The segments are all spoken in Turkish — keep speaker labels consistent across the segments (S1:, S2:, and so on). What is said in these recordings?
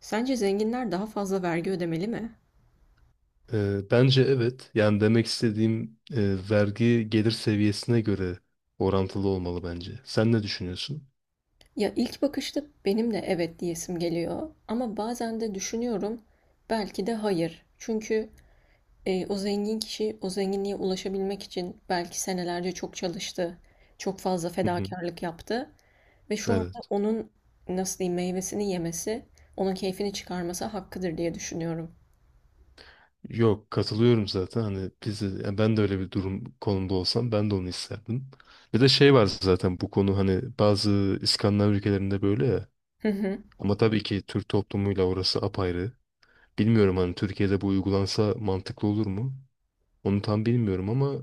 S1: Sence zenginler daha fazla vergi ödemeli mi?
S2: Bence evet. Yani demek istediğim vergi gelir seviyesine göre orantılı olmalı bence. Sen ne düşünüyorsun?
S1: Ya ilk bakışta benim de evet diyesim geliyor ama bazen de düşünüyorum belki de hayır. Çünkü o zengin kişi o zenginliğe ulaşabilmek için belki senelerce çok çalıştı, çok fazla
S2: Hı hı.
S1: fedakarlık yaptı ve şu anda
S2: Evet.
S1: onun nasıl diyeyim meyvesini yemesi, onun keyfini çıkarması hakkıdır diye düşünüyorum.
S2: Yok, katılıyorum zaten. Hani yani ben de öyle bir durum konumda olsam ben de onu isterdim. Bir de şey var zaten bu konu hani bazı İskandinav ülkelerinde böyle ya.
S1: Hı hı,
S2: Ama tabii ki Türk toplumuyla orası apayrı. Bilmiyorum, hani Türkiye'de bu uygulansa mantıklı olur mu? Onu tam bilmiyorum ama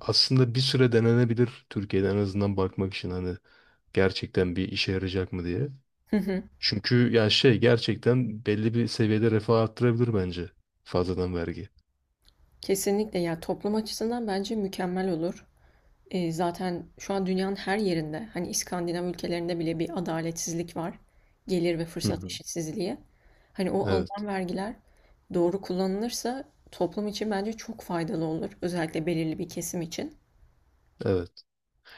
S2: aslında bir süre denenebilir Türkiye'de, en azından bakmak için hani gerçekten bir işe yarayacak mı diye.
S1: hı hı.
S2: Çünkü ya şey gerçekten belli bir seviyede refah arttırabilir bence fazladan vergi.
S1: Kesinlikle ya toplum açısından bence mükemmel olur. Zaten şu an dünyanın her yerinde, hani, İskandinav ülkelerinde bile bir adaletsizlik var. Gelir ve
S2: Hı
S1: fırsat
S2: hı.
S1: eşitsizliği. Hani, o
S2: Evet.
S1: alınan vergiler doğru kullanılırsa toplum için bence çok faydalı olur. Özellikle belirli bir kesim için.
S2: Evet.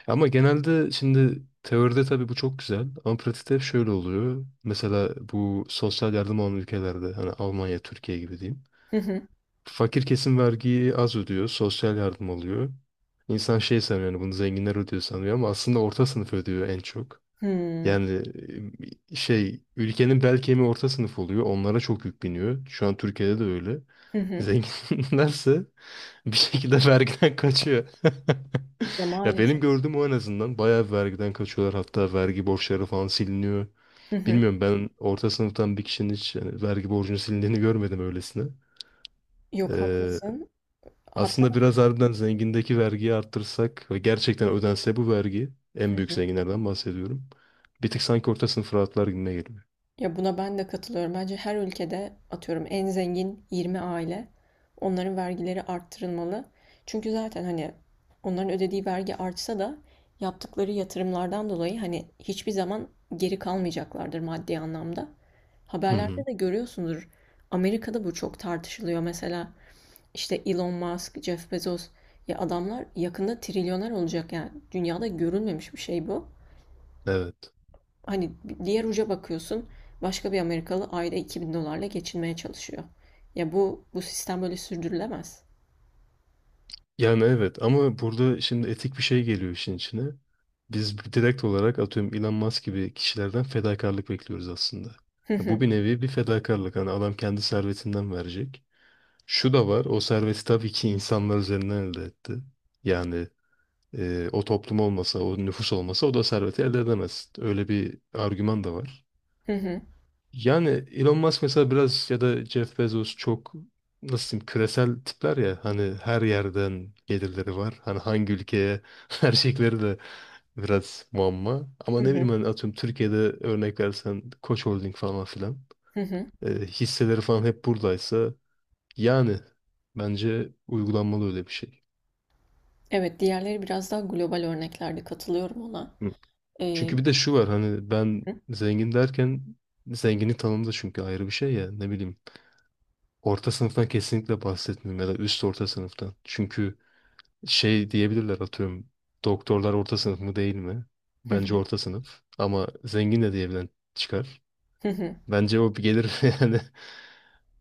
S2: Ama genelde şimdi teoride tabii bu çok güzel ama pratikte hep şöyle oluyor. Mesela bu sosyal yardım alan ülkelerde hani Almanya, Türkiye gibi diyeyim.
S1: Hı hı.
S2: Fakir kesim vergiyi az ödüyor, sosyal yardım alıyor. İnsan şey sanıyor, yani bunu zenginler ödüyor sanıyor ama aslında orta sınıf ödüyor en çok.
S1: Hımm.
S2: Yani şey, ülkenin bel kemiği orta sınıf oluyor. Onlara çok yük biniyor. Şu an Türkiye'de de öyle.
S1: Hı hı.
S2: Zenginlerse bir şekilde vergiden kaçıyor.
S1: Ya,
S2: Ya, benim
S1: maalesef.
S2: gördüğüm o en azından, bayağı vergiden kaçıyorlar. Hatta vergi borçları falan siliniyor.
S1: Hı hı.
S2: Bilmiyorum, ben orta sınıftan bir kişinin hiç yani vergi borcunun silindiğini görmedim öylesine.
S1: Yok, haklısın. Hatta.
S2: Aslında biraz harbiden zengindeki vergiyi arttırsak ve gerçekten ödense bu vergi,
S1: Hı
S2: en büyük
S1: hı.
S2: zenginlerden bahsediyorum. Bir tık sanki orta sınıf rahatlar gibime geliyor.
S1: Ya buna ben de katılıyorum. Bence her ülkede atıyorum en zengin 20 aile onların vergileri arttırılmalı. Çünkü zaten hani onların ödediği vergi artsa da yaptıkları yatırımlardan dolayı hani hiçbir zaman geri kalmayacaklardır maddi anlamda.
S2: Hı
S1: Haberlerde
S2: hı.
S1: de görüyorsundur. Amerika'da bu çok tartışılıyor. Mesela işte Elon Musk, Jeff Bezos ya adamlar yakında trilyoner olacak yani. Dünyada görülmemiş bir şey bu.
S2: Evet.
S1: Hani diğer uca bakıyorsun, başka bir Amerikalı ayda 2.000 dolarla geçinmeye çalışıyor. Ya bu sistem böyle sürdürülemez.
S2: Yani evet ama burada şimdi etik bir şey geliyor işin içine. Biz direkt olarak atıyorum Elon Musk gibi kişilerden fedakarlık bekliyoruz aslında.
S1: Hı
S2: Ya
S1: hı,
S2: bu bir nevi bir fedakarlık. Hani adam kendi servetinden verecek. Şu da var, o serveti tabii ki insanlar üzerinden elde etti. Yani o toplum olmasa, o nüfus olmasa o da serveti elde edemez. Öyle bir argüman da var.
S1: hı hı,
S2: Yani Elon Musk mesela, biraz ya da Jeff Bezos çok, nasıl diyeyim, küresel tipler ya, hani her yerden gelirleri var. Hani hangi ülkeye verecekleri de biraz muamma. Ama
S1: hı
S2: ne
S1: hı,
S2: bileyim, hani atıyorum Türkiye'de örnek versen Koç Holding falan filan,
S1: hı hı.
S2: hisseleri falan hep buradaysa yani bence uygulanmalı öyle bir şey.
S1: Evet, diğerleri biraz daha global örneklerde katılıyorum ona.
S2: Hı.
S1: Ee,
S2: Çünkü bir de şu var, hani ben
S1: hı
S2: zengin derken zenginlik tanımı da çünkü ayrı bir şey ya, ne bileyim. Orta sınıftan kesinlikle bahsetmiyorum, ya da üst orta sınıftan. Çünkü şey diyebilirler, atıyorum, doktorlar orta sınıf mı değil mi? Bence
S1: hı,
S2: orta sınıf ama zengin de diyebilen çıkar.
S1: hı hı.
S2: Bence o bir gelir, yani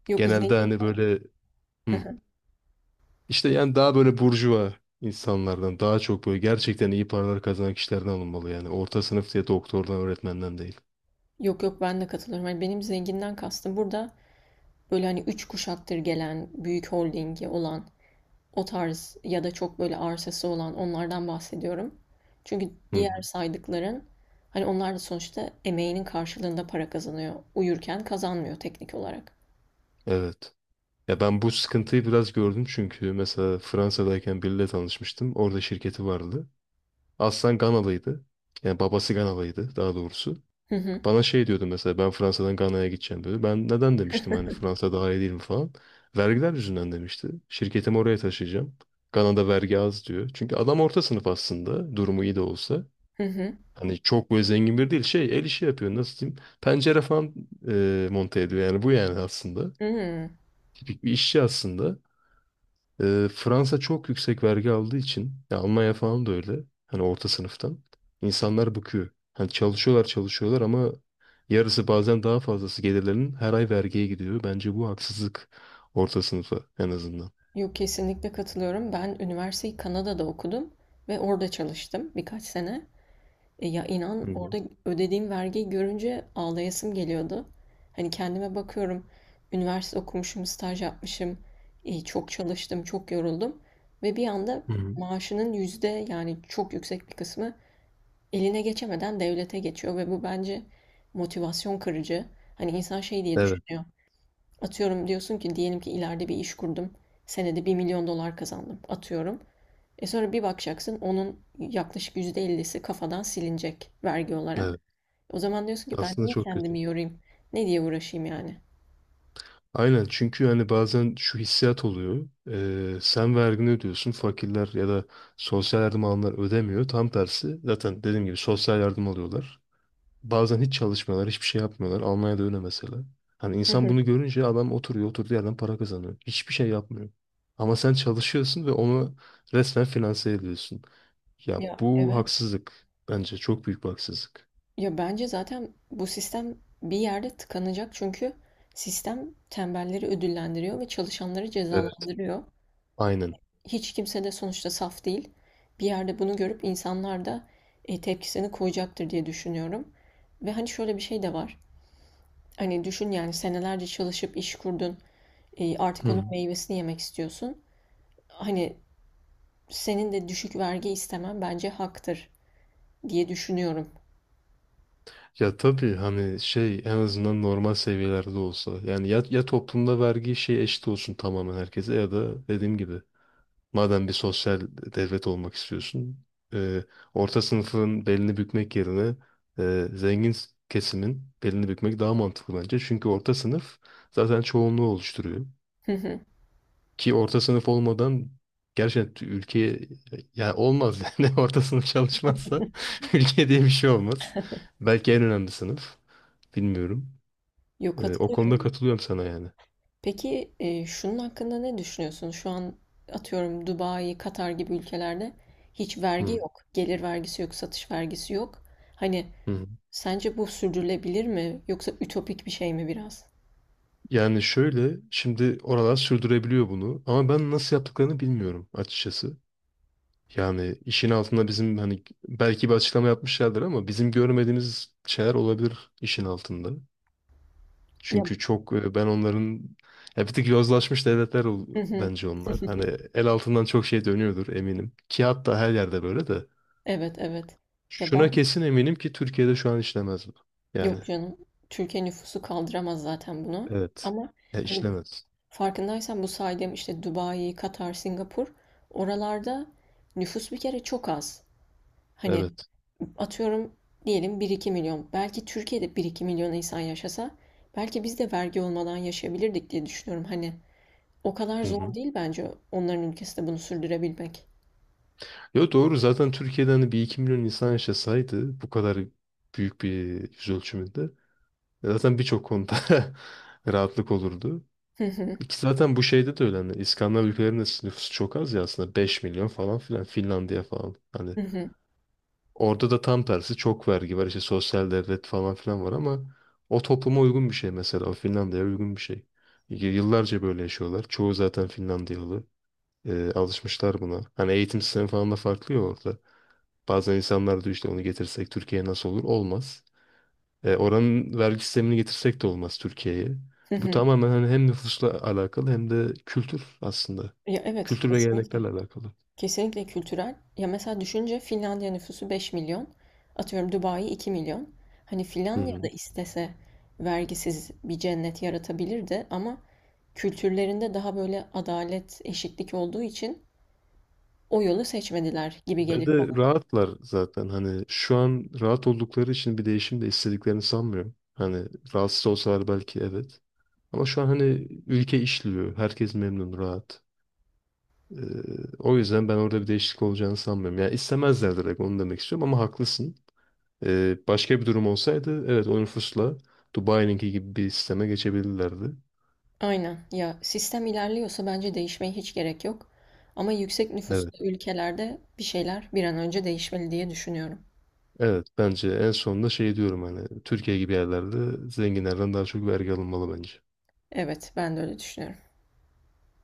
S1: Yok
S2: genelde
S1: zengin,
S2: hani böyle, hı. işte yani daha böyle burjuva insanlardan daha çok, böyle gerçekten iyi paralar kazanan kişilerden alınmalı yani. Orta sınıf diye doktordan, öğretmenden değil.
S1: yok yok ben de katılıyorum. Hani benim zenginden kastım burada böyle hani üç kuşaktır gelen büyük holdingi olan o tarz ya da çok böyle arsası olan onlardan bahsediyorum. Çünkü
S2: Hı
S1: diğer
S2: hı.
S1: saydıkların hani onlar da sonuçta emeğinin karşılığında para kazanıyor. Uyurken kazanmıyor teknik olarak.
S2: Evet. Ya ben bu sıkıntıyı biraz gördüm, çünkü mesela Fransa'dayken biriyle tanışmıştım. Orada şirketi vardı. Aslan Ganalıydı. Yani babası Ganalıydı daha doğrusu.
S1: Hı hı.
S2: Bana şey diyordu mesela, ben Fransa'dan Gana'ya gideceğim diyordu. Ben neden demiştim, hani Fransa daha iyi değil mi falan. Vergiler yüzünden demişti. Şirketimi oraya taşıyacağım. Gana'da vergi az diyor. Çünkü adam orta sınıf aslında, durumu iyi de olsa.
S1: Hı hı.
S2: Hani çok böyle zengin biri değil, şey, el işi yapıyor, nasıl diyeyim. Pencere falan monte ediyor, yani bu yani aslında.
S1: Hmm.
S2: Bir işçi aslında. Fransa çok yüksek vergi aldığı için, ya Almanya falan da öyle. Hani orta sınıftan insanlar bıkıyor. Hani çalışıyorlar çalışıyorlar ama yarısı, bazen daha fazlası gelirlerinin her ay vergiye gidiyor. Bence bu haksızlık orta sınıfa, en azından.
S1: Yok kesinlikle katılıyorum. Ben üniversiteyi Kanada'da okudum ve orada çalıştım birkaç sene. Ya inan
S2: Hı hı.
S1: orada ödediğim vergiyi görünce ağlayasım geliyordu. Hani kendime bakıyorum, üniversite okumuşum, staj yapmışım, çok çalıştım, çok yoruldum ve bir anda
S2: Hı hı.
S1: maaşının yüzde yani çok yüksek bir kısmı eline geçemeden devlete geçiyor ve bu bence motivasyon kırıcı. Hani insan şey diye
S2: Evet,
S1: düşünüyor. Atıyorum diyorsun ki diyelim ki ileride bir iş kurdum. Senede 1 milyon dolar kazandım. Atıyorum. Sonra bir bakacaksın onun yaklaşık %50'si kafadan silinecek vergi olarak.
S2: evet.
S1: O zaman diyorsun ki ben
S2: Aslında
S1: niye
S2: çok kötü.
S1: kendimi yorayım? Ne diye uğraşayım yani?
S2: Aynen, çünkü hani bazen şu hissiyat oluyor. Sen vergini ödüyorsun. Fakirler ya da sosyal yardım alanlar ödemiyor. Tam tersi, zaten dediğim gibi sosyal yardım alıyorlar. Bazen hiç çalışmıyorlar, hiçbir şey yapmıyorlar. Almanya'da öyle mesela. Hani
S1: Hı
S2: insan
S1: hı.
S2: bunu görünce, adam oturuyor, oturduğu yerden para kazanıyor. Hiçbir şey yapmıyor. Ama sen çalışıyorsun ve onu resmen finanse ediyorsun. Ya
S1: Ya
S2: bu
S1: evet.
S2: haksızlık. Bence çok büyük bir haksızlık.
S1: Ya bence zaten bu sistem bir yerde tıkanacak çünkü sistem tembelleri ödüllendiriyor ve çalışanları
S2: Evet.
S1: cezalandırıyor.
S2: Aynen.
S1: Hiç kimse de sonuçta saf değil. Bir yerde bunu görüp insanlar da tepkisini koyacaktır diye düşünüyorum. Ve hani şöyle bir şey de var. Hani düşün yani senelerce çalışıp iş kurdun. Artık onun
S2: Hı.
S1: meyvesini yemek istiyorsun. Hani senin de düşük vergi istemen bence haktır. Diye düşünüyorum.
S2: Ya tabii, hani şey, en azından normal seviyelerde olsa. Yani ya toplumda vergi şey eşit olsun tamamen herkese, ya da dediğim gibi madem bir sosyal devlet olmak istiyorsun, e, orta sınıfın belini bükmek yerine kesimin belini bükmek daha mantıklı bence. Çünkü orta sınıf zaten çoğunluğu oluşturuyor.
S1: Hı hı.
S2: Ki orta sınıf olmadan gerçekten ülkeye, yani olmaz, yani orta sınıf çalışmazsa ülke diye bir şey olmaz. Belki en önemli sınıf. Bilmiyorum.
S1: Yok
S2: O konuda
S1: katılıyorum.
S2: katılıyorum sana yani.
S1: Peki şunun hakkında ne düşünüyorsun? Şu an atıyorum Dubai, Katar gibi ülkelerde hiç vergi
S2: Hı,
S1: yok. Gelir vergisi yok, satış vergisi yok. Hani
S2: hı.
S1: sence bu sürdürülebilir mi? Yoksa ütopik bir şey mi biraz?
S2: Yani şöyle, şimdi oralar sürdürebiliyor bunu ama ben nasıl yaptıklarını bilmiyorum açıkçası. Yani işin altında bizim, hani, belki bir açıklama yapmışlardır ama bizim görmediğimiz şeyler olabilir işin altında.
S1: Ya.
S2: Çünkü çok ben onların, ya bir tık yozlaşmış devletler
S1: Hı hı.
S2: bence onlar. Hani el altından çok şey dönüyordur eminim. Ki hatta her yerde böyle de.
S1: Evet evet. Ya
S2: Şuna
S1: ben,
S2: kesin eminim ki Türkiye'de şu an işlemez bu. Yani
S1: yok canım. Türkiye nüfusu kaldıramaz zaten bunu.
S2: evet.
S1: Ama
S2: Ya
S1: hani
S2: işlemez.
S1: farkındaysan bu saydığım işte Dubai, Katar, Singapur oralarda nüfus bir kere çok az. Hani
S2: Evet.
S1: atıyorum diyelim bir iki milyon. Belki Türkiye'de bir iki milyon insan yaşasa belki biz de vergi olmadan yaşayabilirdik diye düşünüyorum. Hani o kadar
S2: Hı
S1: zor
S2: hı.
S1: değil bence onların ülkesinde bunu sürdürebilmek.
S2: Yo, doğru, zaten Türkiye'de hani 1-2 milyon insan yaşasaydı bu kadar büyük bir yüz ölçümünde zaten birçok konuda rahatlık olurdu.
S1: Hı hı,
S2: İki, zaten bu şeyde de öyle, hani İskandinav ülkelerinin de nüfusu çok az ya, aslında 5 milyon falan filan Finlandiya falan. Hani
S1: hı hı,
S2: orada da tam tersi çok vergi var, işte sosyal devlet falan filan var ama o topluma uygun bir şey, mesela o Finlandiya'ya uygun bir şey. Yıllarca böyle yaşıyorlar. Çoğu zaten Finlandiyalı. Alışmışlar buna. Hani eğitim sistemi falan da farklı ya orada. Bazen insanlar diyor işte onu getirsek Türkiye'ye nasıl olur? Olmaz. Oranın vergi sistemini getirsek de olmaz Türkiye'ye.
S1: hı
S2: Bu
S1: hı.
S2: tamamen hani hem nüfusla alakalı, hem de kültür aslında.
S1: Ya evet
S2: Kültür ve geleneklerle
S1: kesinlikle.
S2: alakalı.
S1: Kesinlikle kültürel. Ya mesela düşünce Finlandiya nüfusu 5 milyon. Atıyorum Dubai 2 milyon. Hani
S2: Hı hı.
S1: Finlandiya'da istese vergisiz bir cennet yaratabilirdi ama kültürlerinde daha böyle adalet, eşitlik olduğu için o yolu seçmediler gibi
S2: Ve
S1: geliyor
S2: de
S1: bana.
S2: rahatlar zaten, hani şu an rahat oldukları için bir değişim de istediklerini sanmıyorum. Hani rahatsız olsalar belki evet. Ama şu an hani ülke işliyor. Herkes memnun, rahat. Ee, O yüzden ben orada bir değişiklik olacağını sanmıyorum. Yani istemezler, direkt onu demek istiyorum ama haklısın. Başka bir durum olsaydı evet, o nüfusla Dubai'ninki gibi bir sisteme geçebilirlerdi.
S1: Aynen. Ya sistem ilerliyorsa bence değişmeye hiç gerek yok. Ama yüksek
S2: Evet.
S1: nüfuslu ülkelerde bir şeyler bir an önce değişmeli diye düşünüyorum.
S2: Evet, bence en sonunda şey diyorum, hani Türkiye gibi yerlerde zenginlerden daha çok vergi alınmalı bence.
S1: Evet, ben de öyle düşünüyorum.